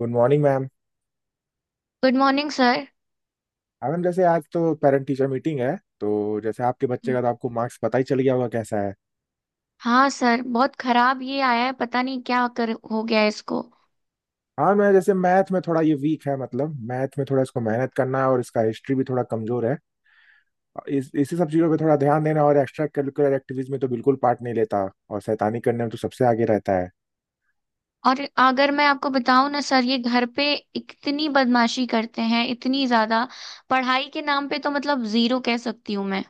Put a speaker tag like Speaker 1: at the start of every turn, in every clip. Speaker 1: Good morning ma'am.
Speaker 2: Good morning sir.
Speaker 1: हाँ ma'am, जैसे आज तो पेरेंट टीचर मीटिंग है, तो जैसे आपके बच्चे का तो आपको मार्क्स पता ही चल गया होगा, कैसा है?
Speaker 2: हाँ सर, बहुत खराब ये आया है। पता नहीं क्या कर हो गया है इसको।
Speaker 1: हाँ मैं, जैसे मैथ में थोड़ा ये वीक है, मतलब मैथ में थोड़ा इसको मेहनत करना है, और इसका हिस्ट्री भी थोड़ा कमजोर है। इस इसी सब चीज़ों पे थोड़ा ध्यान देना, और एक्स्ट्रा करिकुलर एक्टिविटीज में तो बिल्कुल पार्ट नहीं लेता, और शैतानी करने में तो सबसे आगे रहता है।
Speaker 2: और अगर मैं आपको बताऊं ना सर, ये घर पे इतनी बदमाशी करते हैं, इतनी ज्यादा। पढ़ाई के नाम पे तो मतलब जीरो कह सकती हूँ मैं।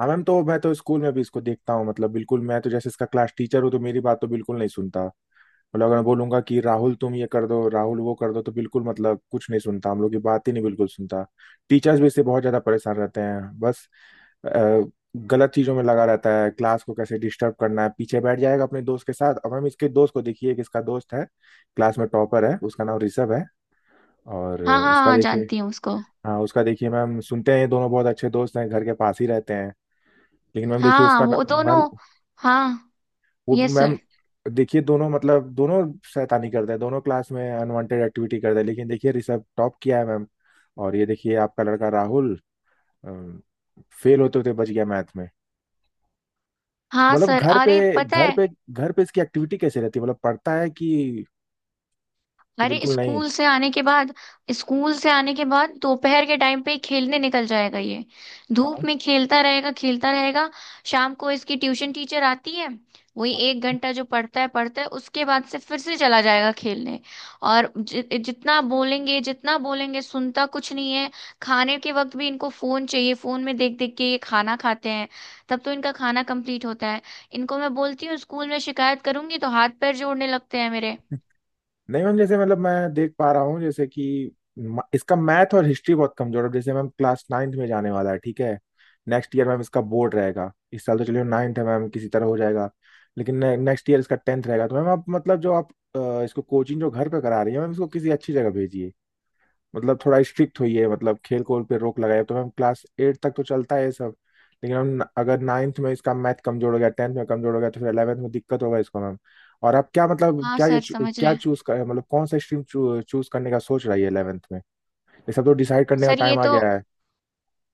Speaker 1: हाँ मैम, तो मैं तो स्कूल में भी इसको देखता हूँ, मतलब बिल्कुल, मैं तो जैसे इसका क्लास टीचर हूँ, तो मेरी बात तो बिल्कुल नहीं सुनता। मतलब अगर मैं बोलूंगा कि राहुल तुम ये कर दो, राहुल वो कर दो, तो बिल्कुल मतलब कुछ नहीं सुनता, हम लोग की बात ही नहीं बिल्कुल सुनता। टीचर्स भी इससे बहुत ज्यादा परेशान रहते हैं। बस अ, गलत चीजों में लगा रहता है, क्लास को कैसे डिस्टर्ब करना है। पीछे बैठ जाएगा अपने दोस्त के साथ। अब हम इसके दोस्त को देखिए, कि इसका दोस्त है, क्लास में टॉपर है, उसका नाम ऋषभ है। और
Speaker 2: हाँ हाँ
Speaker 1: उसका
Speaker 2: हाँ,
Speaker 1: देखिए,
Speaker 2: जानती हूँ उसको।
Speaker 1: हाँ उसका देखिए मैम, सुनते हैं ये दोनों बहुत अच्छे दोस्त हैं, घर के पास ही रहते हैं। लेकिन मैम देखिए
Speaker 2: हाँ,
Speaker 1: उसका
Speaker 2: वो दोनों।
Speaker 1: मैम,
Speaker 2: हाँ।
Speaker 1: वो
Speaker 2: यस
Speaker 1: मैम,
Speaker 2: सर।
Speaker 1: देखिए दोनों, मतलब दोनों शैतानी करते हैं, दोनों क्लास में अनवांटेड एक्टिविटी करते हैं, लेकिन देखिए ऋषभ टॉप किया है मैम। और ये देखिए आपका लड़का राहुल, फेल होते होते बच गया मैथ में।
Speaker 2: हाँ
Speaker 1: मतलब
Speaker 2: सर,
Speaker 1: घर पे
Speaker 2: अरे पता
Speaker 1: घर
Speaker 2: है।
Speaker 1: पे घर पे इसकी एक्टिविटी कैसे रहती है? मतलब पढ़ता है कि
Speaker 2: अरे,
Speaker 1: बिल्कुल नहीं?
Speaker 2: स्कूल से आने के बाद, स्कूल से आने के बाद दोपहर के टाइम पे ही खेलने निकल जाएगा ये।
Speaker 1: हाँ
Speaker 2: धूप में खेलता रहेगा, खेलता रहेगा। शाम को इसकी ट्यूशन टीचर आती है। वही एक
Speaker 1: हाँ।
Speaker 2: घंटा जो पढ़ता है पढ़ता है, उसके बाद से फिर से चला जाएगा खेलने। और जितना बोलेंगे सुनता कुछ नहीं है। खाने के वक्त भी इनको फोन चाहिए, फोन में देख देख के ये खाना खाते हैं, तब तो इनका खाना कंप्लीट होता है। इनको मैं बोलती हूँ स्कूल में शिकायत करूंगी तो हाथ पैर जोड़ने लगते हैं मेरे।
Speaker 1: नहीं मैम, जैसे मतलब मैं देख पा रहा हूँ, जैसे कि इसका मैथ और हिस्ट्री बहुत कमजोर है। जैसे मैम क्लास नाइन्थ में जाने वाला है, ठीक है। नेक्स्ट ईयर मैम इसका बोर्ड रहेगा। इस साल तो चलिए नाइन्थ है मैम, किसी तरह हो जाएगा। लेकिन नेक्स्ट ईयर इसका टेंथ रहेगा। तो मैम आप, मतलब जो आप इसको कोचिंग जो घर पे करा रही है मैम, इसको किसी अच्छी जगह भेजिए, मतलब थोड़ा स्ट्रिक्ट हुई है, मतलब खेल कूद पे रोक लगाई है। तो मैम क्लास एट तक तो चलता है ये सब, लेकिन हम अगर नाइन्थ में इसका मैथ कमजोर हो गया, टेंथ में कमजोर हो गया, तो फिर 11th में दिक्कत होगा इसको मैम। और आप क्या, मतलब
Speaker 2: हाँ
Speaker 1: क्या ये
Speaker 2: सर, समझ रहे
Speaker 1: क्या
Speaker 2: हैं।
Speaker 1: चूज कर, मतलब कौन सा स्ट्रीम चूज करने का सोच रही है 11th में? ये सब तो डिसाइड करने का
Speaker 2: सर ये
Speaker 1: टाइम आ
Speaker 2: तो
Speaker 1: गया है।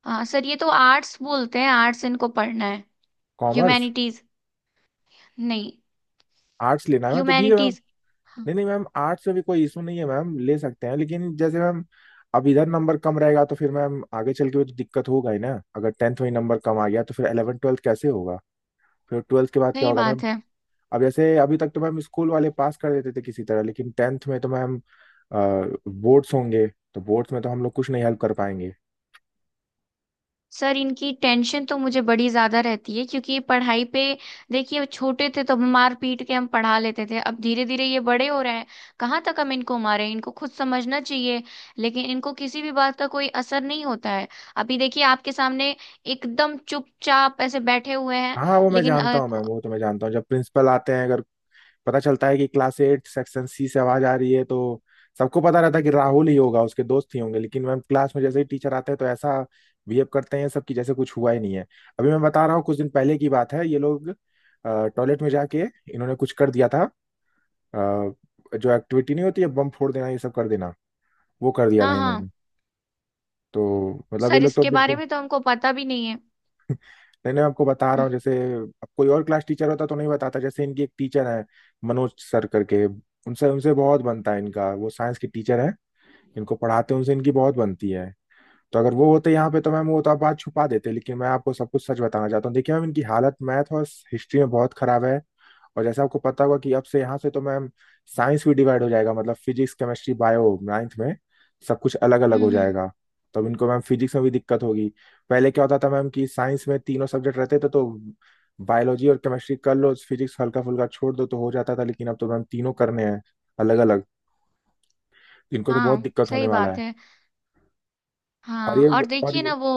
Speaker 2: हाँ सर, ये तो आर्ट्स बोलते हैं, आर्ट्स इनको पढ़ना है।
Speaker 1: Commerce
Speaker 2: humanities. नहीं,
Speaker 1: आर्ट्स लेना है मैम, तो ठीक है मैम।
Speaker 2: ह्यूमैनिटीज। हाँ,
Speaker 1: नहीं नहीं मैम, आर्ट्स में भी कोई इशू नहीं है मैम, ले सकते हैं, लेकिन जैसे मैम अब इधर नंबर कम रहेगा तो फिर मैम आगे चल के भी तो दिक्कत होगा ही ना। अगर टेंथ में ही नंबर कम आ गया तो फिर 11 ट्वेल्थ कैसे होगा? फिर ट्वेल्थ के बाद क्या
Speaker 2: सही
Speaker 1: होगा
Speaker 2: बात
Speaker 1: मैम?
Speaker 2: है।
Speaker 1: अब जैसे अभी तक तो मैम स्कूल वाले पास कर देते थे किसी तरह, लेकिन टेंथ में तो मैम बोर्ड्स होंगे, तो बोर्ड्स में तो हम लोग कुछ नहीं हेल्प कर पाएंगे।
Speaker 2: सर, इनकी टेंशन तो मुझे बड़ी ज्यादा रहती है क्योंकि ये पढ़ाई पे, देखिए छोटे थे तो हम मार पीट के हम पढ़ा लेते थे, अब धीरे धीरे ये बड़े हो रहे हैं। कहाँ तक हम इनको मारें, इनको खुद समझना चाहिए। लेकिन इनको किसी भी बात का कोई असर नहीं होता है। अभी देखिए आपके सामने एकदम चुपचाप ऐसे बैठे हुए हैं।
Speaker 1: हाँ वो मैं
Speaker 2: लेकिन
Speaker 1: जानता
Speaker 2: अ,
Speaker 1: हूँ मैम, वो तो मैं जानता हूँ, जब प्रिंसिपल आते हैं, अगर पता चलता है कि क्लास एट सेक्शन सी से आवाज आ रही है, तो सबको पता रहता है कि राहुल ही होगा, उसके दोस्त ही होंगे। लेकिन मैम क्लास में जैसे ही टीचर आते हैं, तो ऐसा बिहेव करते हैं सब, कि जैसे कुछ हुआ ही नहीं है। अभी मैं बता रहा हूँ, कुछ दिन पहले की बात है, ये लोग टॉयलेट में जाके इन्होंने कुछ कर दिया था। अ, जो एक्टिविटी नहीं होती है, बम फोड़ देना, ये सब कर देना, वो कर दिया
Speaker 2: हाँ
Speaker 1: था
Speaker 2: हाँ,
Speaker 1: इन्होंने। तो मतलब ये
Speaker 2: सर
Speaker 1: लोग तो
Speaker 2: इसके बारे
Speaker 1: बिल्कुल।
Speaker 2: में तो हमको पता भी नहीं है।
Speaker 1: नहीं नहीं, मैं आपको बता रहा
Speaker 2: हम्म।
Speaker 1: हूँ, जैसे अब कोई और क्लास टीचर होता तो नहीं बताता। जैसे इनकी एक टीचर है, मनोज सर करके, उनसे उनसे बहुत बनता है इनका, वो साइंस की टीचर है, इनको पढ़ाते हैं, उनसे इनकी बहुत बनती है। तो अगर वो होते यहाँ पे तो मैम वो तो आप बात छुपा देते, लेकिन मैं आपको सब कुछ सच बताना चाहता हूँ। देखिए मैम इनकी हालत मैथ और हिस्ट्री में बहुत खराब है। और जैसे आपको पता होगा कि अब से यहाँ से तो मैम साइंस भी डिवाइड हो जाएगा, मतलब फिजिक्स केमिस्ट्री बायो नाइन्थ में सब कुछ अलग अलग हो
Speaker 2: हम्म,
Speaker 1: जाएगा। तब इनको मैम फिजिक्स में भी दिक्कत होगी। पहले क्या होता था मैम कि साइंस में तीनों सब्जेक्ट रहते थे, तो बायोलॉजी और केमिस्ट्री कर लो, फिजिक्स हल्का फुल्का छोड़ दो तो हो जाता था, लेकिन अब तो मैम तीनों करने हैं अलग अलग। इनको तो बहुत
Speaker 2: हाँ
Speaker 1: दिक्कत होने
Speaker 2: सही
Speaker 1: वाला
Speaker 2: बात
Speaker 1: है।
Speaker 2: है।
Speaker 1: और
Speaker 2: हाँ
Speaker 1: ये
Speaker 2: और
Speaker 1: और
Speaker 2: देखिए ना,
Speaker 1: ये
Speaker 2: वो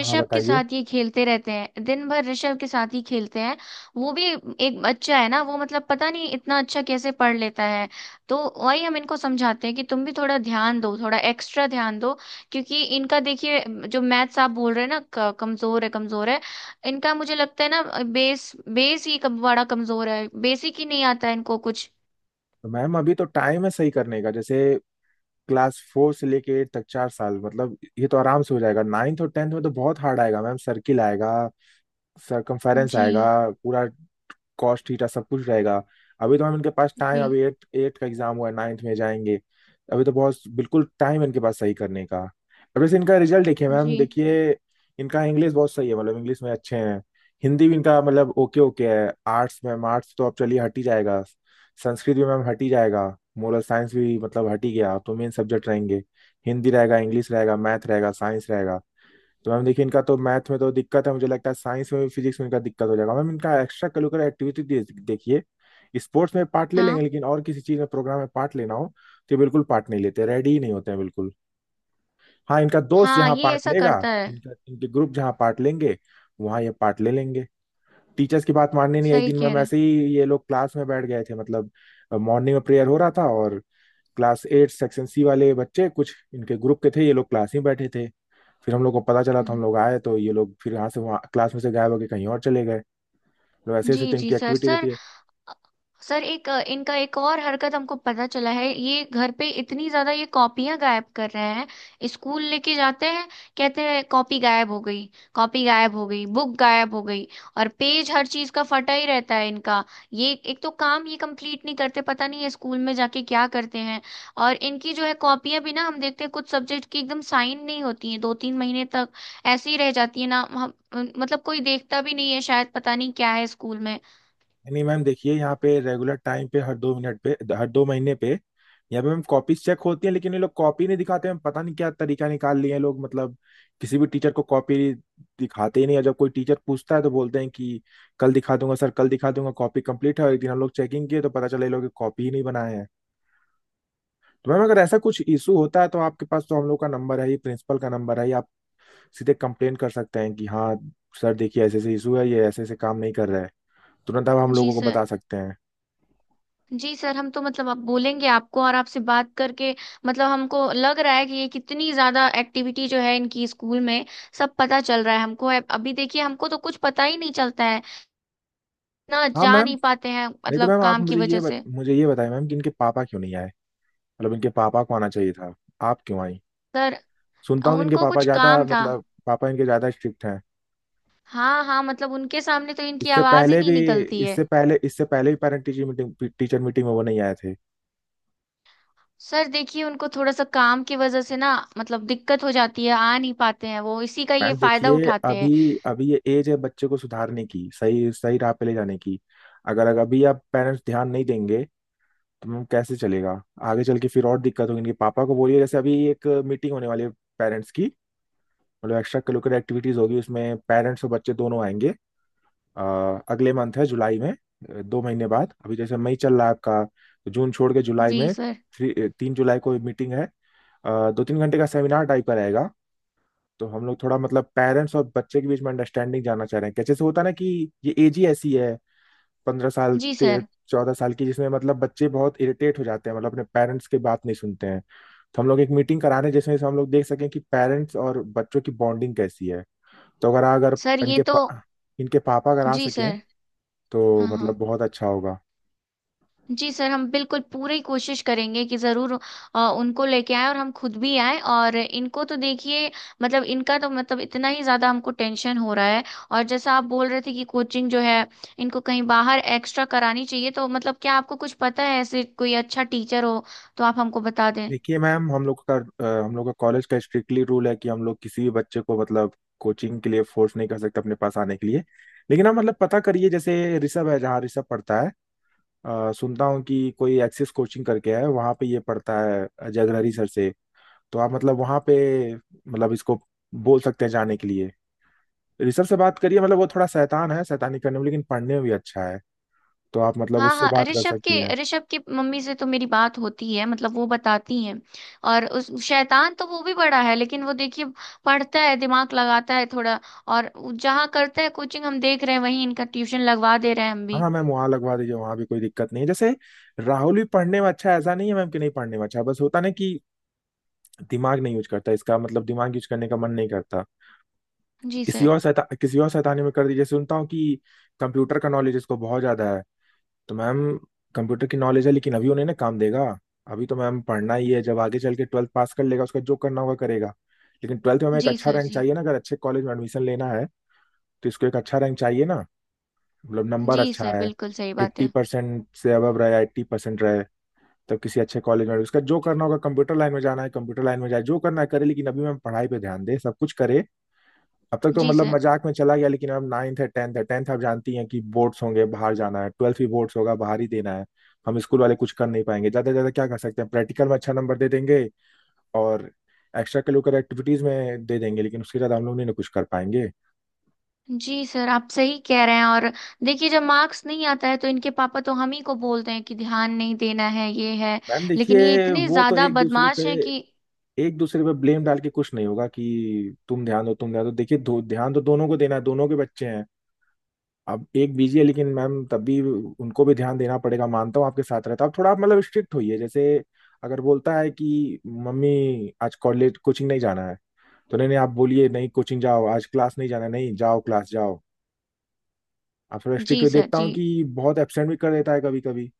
Speaker 1: हाँ
Speaker 2: के
Speaker 1: बताइए।
Speaker 2: साथ ये खेलते रहते हैं, दिन भर ऋषभ के साथ ही खेलते हैं। वो भी एक बच्चा है ना, वो मतलब पता नहीं इतना अच्छा कैसे पढ़ लेता है। तो वही हम इनको समझाते हैं कि तुम भी थोड़ा ध्यान दो, थोड़ा एक्स्ट्रा ध्यान दो। क्योंकि इनका देखिए, जो मैथ्स आप बोल रहे हैं ना, कमजोर है, कमजोर है। इनका मुझे लगता है ना, बेस बेस ही कम, बड़ा कमजोर है, बेसिक ही नहीं आता है इनको कुछ।
Speaker 1: तो मैम अभी तो टाइम है सही करने का। जैसे क्लास फोर से लेके एट तक 4 साल, मतलब ये तो आराम से हो जाएगा, नाइन्थ और टेंथ में तो बहुत हार्ड आएगा मैम। सर्किल आएगा, सरकमफेरेंस
Speaker 2: जी।
Speaker 1: आएगा पूरा, कॉस्ट थीटा सब कुछ रहेगा। अभी तो मैम इनके पास टाइम,
Speaker 2: जी
Speaker 1: अभी एट एट का एग्जाम हुआ है, नाइन्थ में जाएंगे, अभी तो बहुत बिल्कुल टाइम इनके पास सही करने का। अब जैसे इनका रिजल्ट देखिए मैम,
Speaker 2: जी।
Speaker 1: देखिए इनका इंग्लिश बहुत सही है, मतलब इंग्लिश में अच्छे हैं, हिंदी भी इनका मतलब ओके ओके है। आर्ट्स मैम, आर्ट्स तो अब चलिए हट ही जाएगा, संस्कृत भी मैम हट ही जाएगा, मोरल साइंस भी मतलब हट ही गया। अब तो मेन सब्जेक्ट रहेंगे, हिंदी रहेगा, इंग्लिश रहेगा, मैथ रहेगा, साइंस रहेगा। तो मैम देखिए इनका तो मैथ में तो दिक्कत है, मुझे लगता है साइंस में भी फिजिक्स में इनका दिक्कत हो जाएगा मैम। इनका एक्स्ट्रा करिकुलर एक्टिविटी देखिए, स्पोर्ट्स में पार्ट ले लेंगे,
Speaker 2: हाँ
Speaker 1: लेकिन और किसी चीज में, प्रोग्राम में पार्ट लेना हो तो ये बिल्कुल पार्ट नहीं लेते, रेडी ही नहीं होते हैं बिल्कुल। हाँ इनका दोस्त
Speaker 2: हाँ,
Speaker 1: जहाँ
Speaker 2: ये
Speaker 1: पार्ट
Speaker 2: ऐसा
Speaker 1: लेगा,
Speaker 2: करता है।
Speaker 1: इनका इनके ग्रुप जहाँ पार्ट लेंगे, वहाँ ये पार्ट ले लेंगे। टीचर्स की बात माननी नहीं। एक
Speaker 2: सही
Speaker 1: दिन
Speaker 2: कह
Speaker 1: मैम
Speaker 2: रहे हैं।
Speaker 1: ऐसे ही ये लोग क्लास में बैठ गए थे, मतलब मॉर्निंग में प्रेयर हो रहा था, और क्लास एट सेक्शन सी वाले बच्चे कुछ इनके ग्रुप के थे, ये लोग क्लास में बैठे थे, फिर हम लोग को पता चला तो हम
Speaker 2: हम्म।
Speaker 1: लोग आए, तो ये लोग फिर यहाँ से वहाँ क्लास में से गायब होकर कहीं और चले गए। तो ऐसे
Speaker 2: जी
Speaker 1: ऐसे तो
Speaker 2: जी
Speaker 1: इनकी
Speaker 2: सर,
Speaker 1: एक्टिविटी
Speaker 2: सर।
Speaker 1: रहती है।
Speaker 2: सर, इनका एक और हरकत हमको पता चला है, ये घर पे इतनी ज्यादा ये कॉपियां गायब कर रहे हैं। स्कूल लेके जाते हैं, कहते हैं कॉपी गायब हो गई, कॉपी गायब हो गई, बुक गायब हो गई। और पेज हर चीज का फटा ही रहता है इनका। ये एक तो काम ये कंप्लीट नहीं करते, पता नहीं ये स्कूल में जाके क्या करते हैं। और इनकी जो है कॉपियां भी ना, हम देखते हैं कुछ सब्जेक्ट की एकदम साइन नहीं होती है दो तीन महीने तक, ऐसी ही रह जाती है ना। हम मतलब कोई देखता भी नहीं है शायद, पता नहीं क्या है स्कूल में।
Speaker 1: नहीं मैम देखिए, यहाँ पे रेगुलर टाइम पे हर 2 मिनट पे, हर 2 महीने पे यहाँ पे मैम कॉपीज चेक होती है, लेकिन ये लोग कॉपी नहीं दिखाते हैं, पता नहीं क्या तरीका निकाल लिए हैं लोग, मतलब किसी भी टीचर को कॉपी दिखाते ही नहीं, और जब कोई टीचर पूछता है तो बोलते हैं कि कल दिखा दूंगा सर, कल दिखा दूंगा, कॉपी कंप्लीट है, और एक दिन हम लोग चेकिंग किए तो पता चला ये लोग कॉपी ही नहीं बनाए हैं। तो मैम अगर ऐसा कुछ इशू होता है तो आपके पास तो हम लोग का नंबर है ही, प्रिंसिपल का नंबर है ही, आप सीधे कंप्लेन कर सकते हैं कि हाँ सर देखिए ऐसे ऐसे इशू है, ये ऐसे ऐसे काम नहीं कर रहा है, तुरंत आप हम
Speaker 2: जी
Speaker 1: लोगों को
Speaker 2: सर।
Speaker 1: बता सकते हैं।
Speaker 2: जी सर, हम तो मतलब आप बोलेंगे आपको, और आपसे बात करके मतलब हमको लग रहा है कि ये कितनी ज्यादा एक्टिविटी जो है इनकी स्कूल में, सब पता चल रहा है हमको। अभी देखिए, हमको तो कुछ पता ही नहीं चलता है, ना
Speaker 1: हाँ
Speaker 2: जा
Speaker 1: मैम।
Speaker 2: नहीं पाते हैं
Speaker 1: नहीं तो
Speaker 2: मतलब
Speaker 1: मैम आप
Speaker 2: काम की
Speaker 1: मुझे
Speaker 2: वजह
Speaker 1: ये
Speaker 2: से।
Speaker 1: मुझे ये बताएं मैम कि इनके पापा क्यों नहीं आए? मतलब इनके पापा को आना चाहिए था, आप क्यों आई?
Speaker 2: सर,
Speaker 1: सुनता हूँ कि इनके
Speaker 2: उनको
Speaker 1: पापा
Speaker 2: कुछ
Speaker 1: ज्यादा,
Speaker 2: काम था।
Speaker 1: मतलब पापा इनके ज्यादा स्ट्रिक्ट हैं।
Speaker 2: हाँ हाँ, मतलब उनके सामने तो इनकी
Speaker 1: इससे
Speaker 2: आवाज ही
Speaker 1: पहले
Speaker 2: नहीं
Speaker 1: भी,
Speaker 2: निकलती है।
Speaker 1: इससे पहले भी पेरेंट टीचर मीटिंग में वो नहीं आए थे।
Speaker 2: सर देखिए, उनको थोड़ा सा काम की वजह से ना मतलब दिक्कत हो जाती है, आ नहीं पाते हैं, वो इसी का ये
Speaker 1: मैम
Speaker 2: फायदा
Speaker 1: देखिए,
Speaker 2: उठाते
Speaker 1: अभी
Speaker 2: हैं।
Speaker 1: अभी ये एज है बच्चे को सुधारने की, सही सही राह पे ले जाने की। अगर अगर अभी आप पेरेंट्स ध्यान नहीं देंगे तो कैसे चलेगा? आगे चल के फिर और दिक्कत होगी। इनके पापा को बोलिए, जैसे अभी एक मीटिंग होने वाली है पेरेंट्स की, मतलब एक्स्ट्रा करिकुलर एक्टिविटीज होगी, उसमें पेरेंट्स और बच्चे दोनों आएंगे। अ, अगले मंथ है, जुलाई में, 2 महीने बाद। अभी जैसे मई चल रहा है आपका, तो जून छोड़ के जुलाई
Speaker 2: जी
Speaker 1: में।
Speaker 2: सर।
Speaker 1: थ्री तीन जुलाई को मीटिंग है। 2-3 घंटे का सेमिनार टाइप का रहेगा। तो हम लोग थोड़ा, मतलब पेरेंट्स और बच्चे के बीच में अंडरस्टैंडिंग जानना चाह रहे हैं। कैसे से होता है ना कि ये एज ही ऐसी है, 15 साल
Speaker 2: जी सर।
Speaker 1: 14 साल की, जिसमें मतलब बच्चे बहुत इरिटेट हो जाते हैं, मतलब अपने पेरेंट्स की बात नहीं सुनते हैं। तो हम लोग एक मीटिंग करा रहे हैं जिसमें से हम लोग देख सकें कि पेरेंट्स और बच्चों की बॉन्डिंग कैसी है। तो अगर अगर
Speaker 2: सर ये
Speaker 1: इनके
Speaker 2: तो।
Speaker 1: पा, इनके पापा अगर आ
Speaker 2: जी
Speaker 1: सकें
Speaker 2: सर।
Speaker 1: तो
Speaker 2: हाँ हाँ।
Speaker 1: मतलब बहुत अच्छा होगा।
Speaker 2: जी सर, हम बिल्कुल पूरी कोशिश करेंगे कि ज़रूर उनको लेके आए, और हम खुद भी आए। और इनको तो देखिए, मतलब इनका तो मतलब इतना ही ज़्यादा हमको टेंशन हो रहा है। और जैसा आप बोल रहे थे कि कोचिंग जो है, इनको कहीं बाहर एक्स्ट्रा करानी चाहिए, तो मतलब क्या आपको कुछ पता है ऐसे कोई अच्छा टीचर हो, तो आप हमको बता दें।
Speaker 1: देखिए मैम हम लोग का कॉलेज का स्ट्रिक्टली रूल है कि हम लोग किसी भी बच्चे को मतलब कोचिंग के लिए फोर्स नहीं कर सकते, अपने पास आने के लिए। लेकिन आप मतलब पता करिए, जैसे ऋषभ है, जहाँ ऋषभ पढ़ता है, सुनता हूँ कि कोई एक्सिस कोचिंग करके है, वहाँ पे ये पढ़ता है जगहरी सर से। तो आप मतलब वहाँ पे, मतलब इसको बोल सकते हैं जाने के लिए। ऋषभ से बात करिए, मतलब वो थोड़ा शैतान है शैतानी करने में, लेकिन पढ़ने में भी अच्छा है, तो आप मतलब
Speaker 2: हाँ
Speaker 1: उससे
Speaker 2: हाँ,
Speaker 1: बात कर
Speaker 2: ऋषभ के,
Speaker 1: सकती हैं।
Speaker 2: ऋषभ की मम्मी से तो मेरी बात होती है, मतलब वो बताती हैं। और उस शैतान तो वो भी बड़ा है, लेकिन वो देखिए पढ़ता है, दिमाग लगाता है थोड़ा। और जहाँ करता है कोचिंग हम देख रहे हैं, वहीं इनका ट्यूशन लगवा दे रहे हैं हम
Speaker 1: हाँ
Speaker 2: भी।
Speaker 1: हाँ मैम वहाँ लगवा दीजिए, वहाँ भी कोई दिक्कत नहीं है, जैसे राहुल भी पढ़ने में अच्छा है, ऐसा नहीं है मैम कि नहीं पढ़ने में अच्छा है, बस होता ना कि दिमाग नहीं यूज करता, इसका मतलब दिमाग यूज करने का मन नहीं करता।
Speaker 2: जी सर।
Speaker 1: किसी और शैतानी में कर दीजिए। सुनता हूँ कि कंप्यूटर का नॉलेज इसको बहुत ज्यादा है। तो मैम, कंप्यूटर की नॉलेज है, लेकिन अभी उन्हें ना काम देगा। अभी तो मैम पढ़ना ही है। जब आगे चल के ट्वेल्थ पास कर लेगा, उसका जो करना होगा करेगा, लेकिन ट्वेल्थ में हमें एक
Speaker 2: जी
Speaker 1: अच्छा
Speaker 2: सर।
Speaker 1: रैंक
Speaker 2: जी।
Speaker 1: चाहिए ना, अगर अच्छे कॉलेज में एडमिशन लेना है। तो इसको एक अच्छा रैंक चाहिए ना, मतलब नंबर
Speaker 2: जी
Speaker 1: अच्छा
Speaker 2: सर,
Speaker 1: है,
Speaker 2: बिल्कुल सही बात
Speaker 1: एट्टी
Speaker 2: है।
Speaker 1: परसेंट से अबव रहे, 80% रहे। तब किसी अच्छे कॉलेज में, उसका जो करना होगा कंप्यूटर लाइन में जाना है, कंप्यूटर लाइन में जाए, जो करना है करे, लेकिन अभी मैम पढ़ाई पे ध्यान दे, सब कुछ करे। अब तक तो
Speaker 2: जी
Speaker 1: मतलब
Speaker 2: सर।
Speaker 1: मजाक में चला गया, लेकिन अब नाइन्थ है, टेंथ है। टेंथ आप जानती हैं कि बोर्ड्स होंगे, बाहर जाना है, ट्वेल्थ भी बोर्ड्स होगा, बाहर ही देना है। हम स्कूल वाले कुछ कर नहीं पाएंगे, ज़्यादा से ज़्यादा क्या कर सकते हैं, प्रैक्टिकल में अच्छा नंबर दे देंगे, और एक्स्ट्रा करिकुलर एक्टिविटीज़ में दे देंगे, लेकिन उसके ज़्यादा हम लोग नहीं ना कुछ कर पाएंगे।
Speaker 2: जी सर, आप सही कह रहे हैं। और देखिए, जब मार्क्स नहीं आता है तो इनके पापा तो हम ही को बोलते हैं कि ध्यान नहीं देना है, ये है।
Speaker 1: मैम
Speaker 2: लेकिन ये
Speaker 1: देखिए,
Speaker 2: इतने
Speaker 1: वो तो
Speaker 2: ज्यादा
Speaker 1: एक दूसरे पे
Speaker 2: बदमाश हैं कि,
Speaker 1: एक दूसरे पे ब्लेम डाल के कुछ नहीं होगा कि तुम ध्यान दो, तुम ध्यान दो। देखिए ध्यान तो दोनों को देना है, दोनों के बच्चे हैं। अब एक बीजी है, लेकिन मैम तब भी उनको भी ध्यान देना पड़ेगा, मानता हूँ आपके साथ रहता, अब थोड़ा आप मतलब स्ट्रिक्ट होइए। जैसे अगर बोलता है कि मम्मी आज कॉलेज कोचिंग नहीं जाना है, तो नहीं नहीं आप बोलिए नहीं कोचिंग जाओ। आज क्लास नहीं जाना है, नहीं जाओ क्लास जाओ। आप थोड़ा स्ट्रिक्ट
Speaker 2: जी
Speaker 1: हुए,
Speaker 2: सर।
Speaker 1: देखता
Speaker 2: जी।
Speaker 1: हूँ कि बहुत एबसेंट भी कर देता है कभी कभी।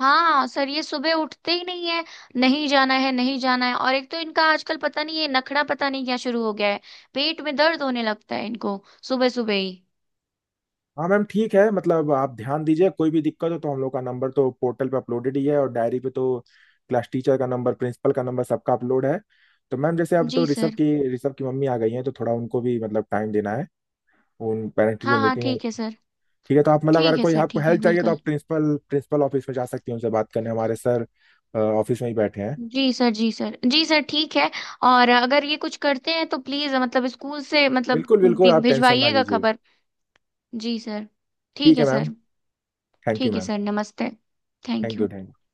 Speaker 2: हाँ सर, ये सुबह उठते ही नहीं है। नहीं जाना है, नहीं जाना है। और एक तो इनका आजकल पता नहीं ये नखड़ा पता नहीं क्या शुरू हो गया है, पेट में दर्द होने लगता है इनको सुबह सुबह ही।
Speaker 1: हाँ मैम ठीक है, मतलब आप ध्यान दीजिए, कोई भी दिक्कत हो तो हम लोग का नंबर तो पोर्टल पे अपलोडेड ही है, और डायरी पे तो क्लास टीचर का नंबर, प्रिंसिपल का नंबर सबका अपलोड है। तो मैम जैसे अब तो
Speaker 2: जी
Speaker 1: ऋषभ
Speaker 2: सर।
Speaker 1: की ऋषभ की मम्मी आ गई हैं तो थोड़ा उनको भी मतलब टाइम देना है, उन पेरेंट टीचर
Speaker 2: हाँ हाँ
Speaker 1: मीटिंग है।
Speaker 2: ठीक है सर।
Speaker 1: ठीक है, तो आप मतलब अगर
Speaker 2: ठीक है
Speaker 1: कोई
Speaker 2: सर।
Speaker 1: आपको
Speaker 2: ठीक है,
Speaker 1: हेल्प चाहिए तो
Speaker 2: बिल्कुल।
Speaker 1: आप प्रिंसिपल प्रिंसिपल ऑफिस में जा सकती हैं, उनसे बात करने, हमारे सर ऑफिस में ही बैठे हैं।
Speaker 2: जी सर, जी सर, जी सर, ठीक है। और अगर ये कुछ करते हैं तो प्लीज मतलब स्कूल से मतलब
Speaker 1: बिल्कुल बिल्कुल, आप टेंशन ना
Speaker 2: भिजवाइएगा
Speaker 1: लीजिए।
Speaker 2: खबर। जी सर। ठीक
Speaker 1: ठीक
Speaker 2: है
Speaker 1: है मैम।
Speaker 2: सर।
Speaker 1: थैंक यू
Speaker 2: ठीक है
Speaker 1: मैम।
Speaker 2: सर, नमस्ते। Thank
Speaker 1: thank you
Speaker 2: you.
Speaker 1: Thank you.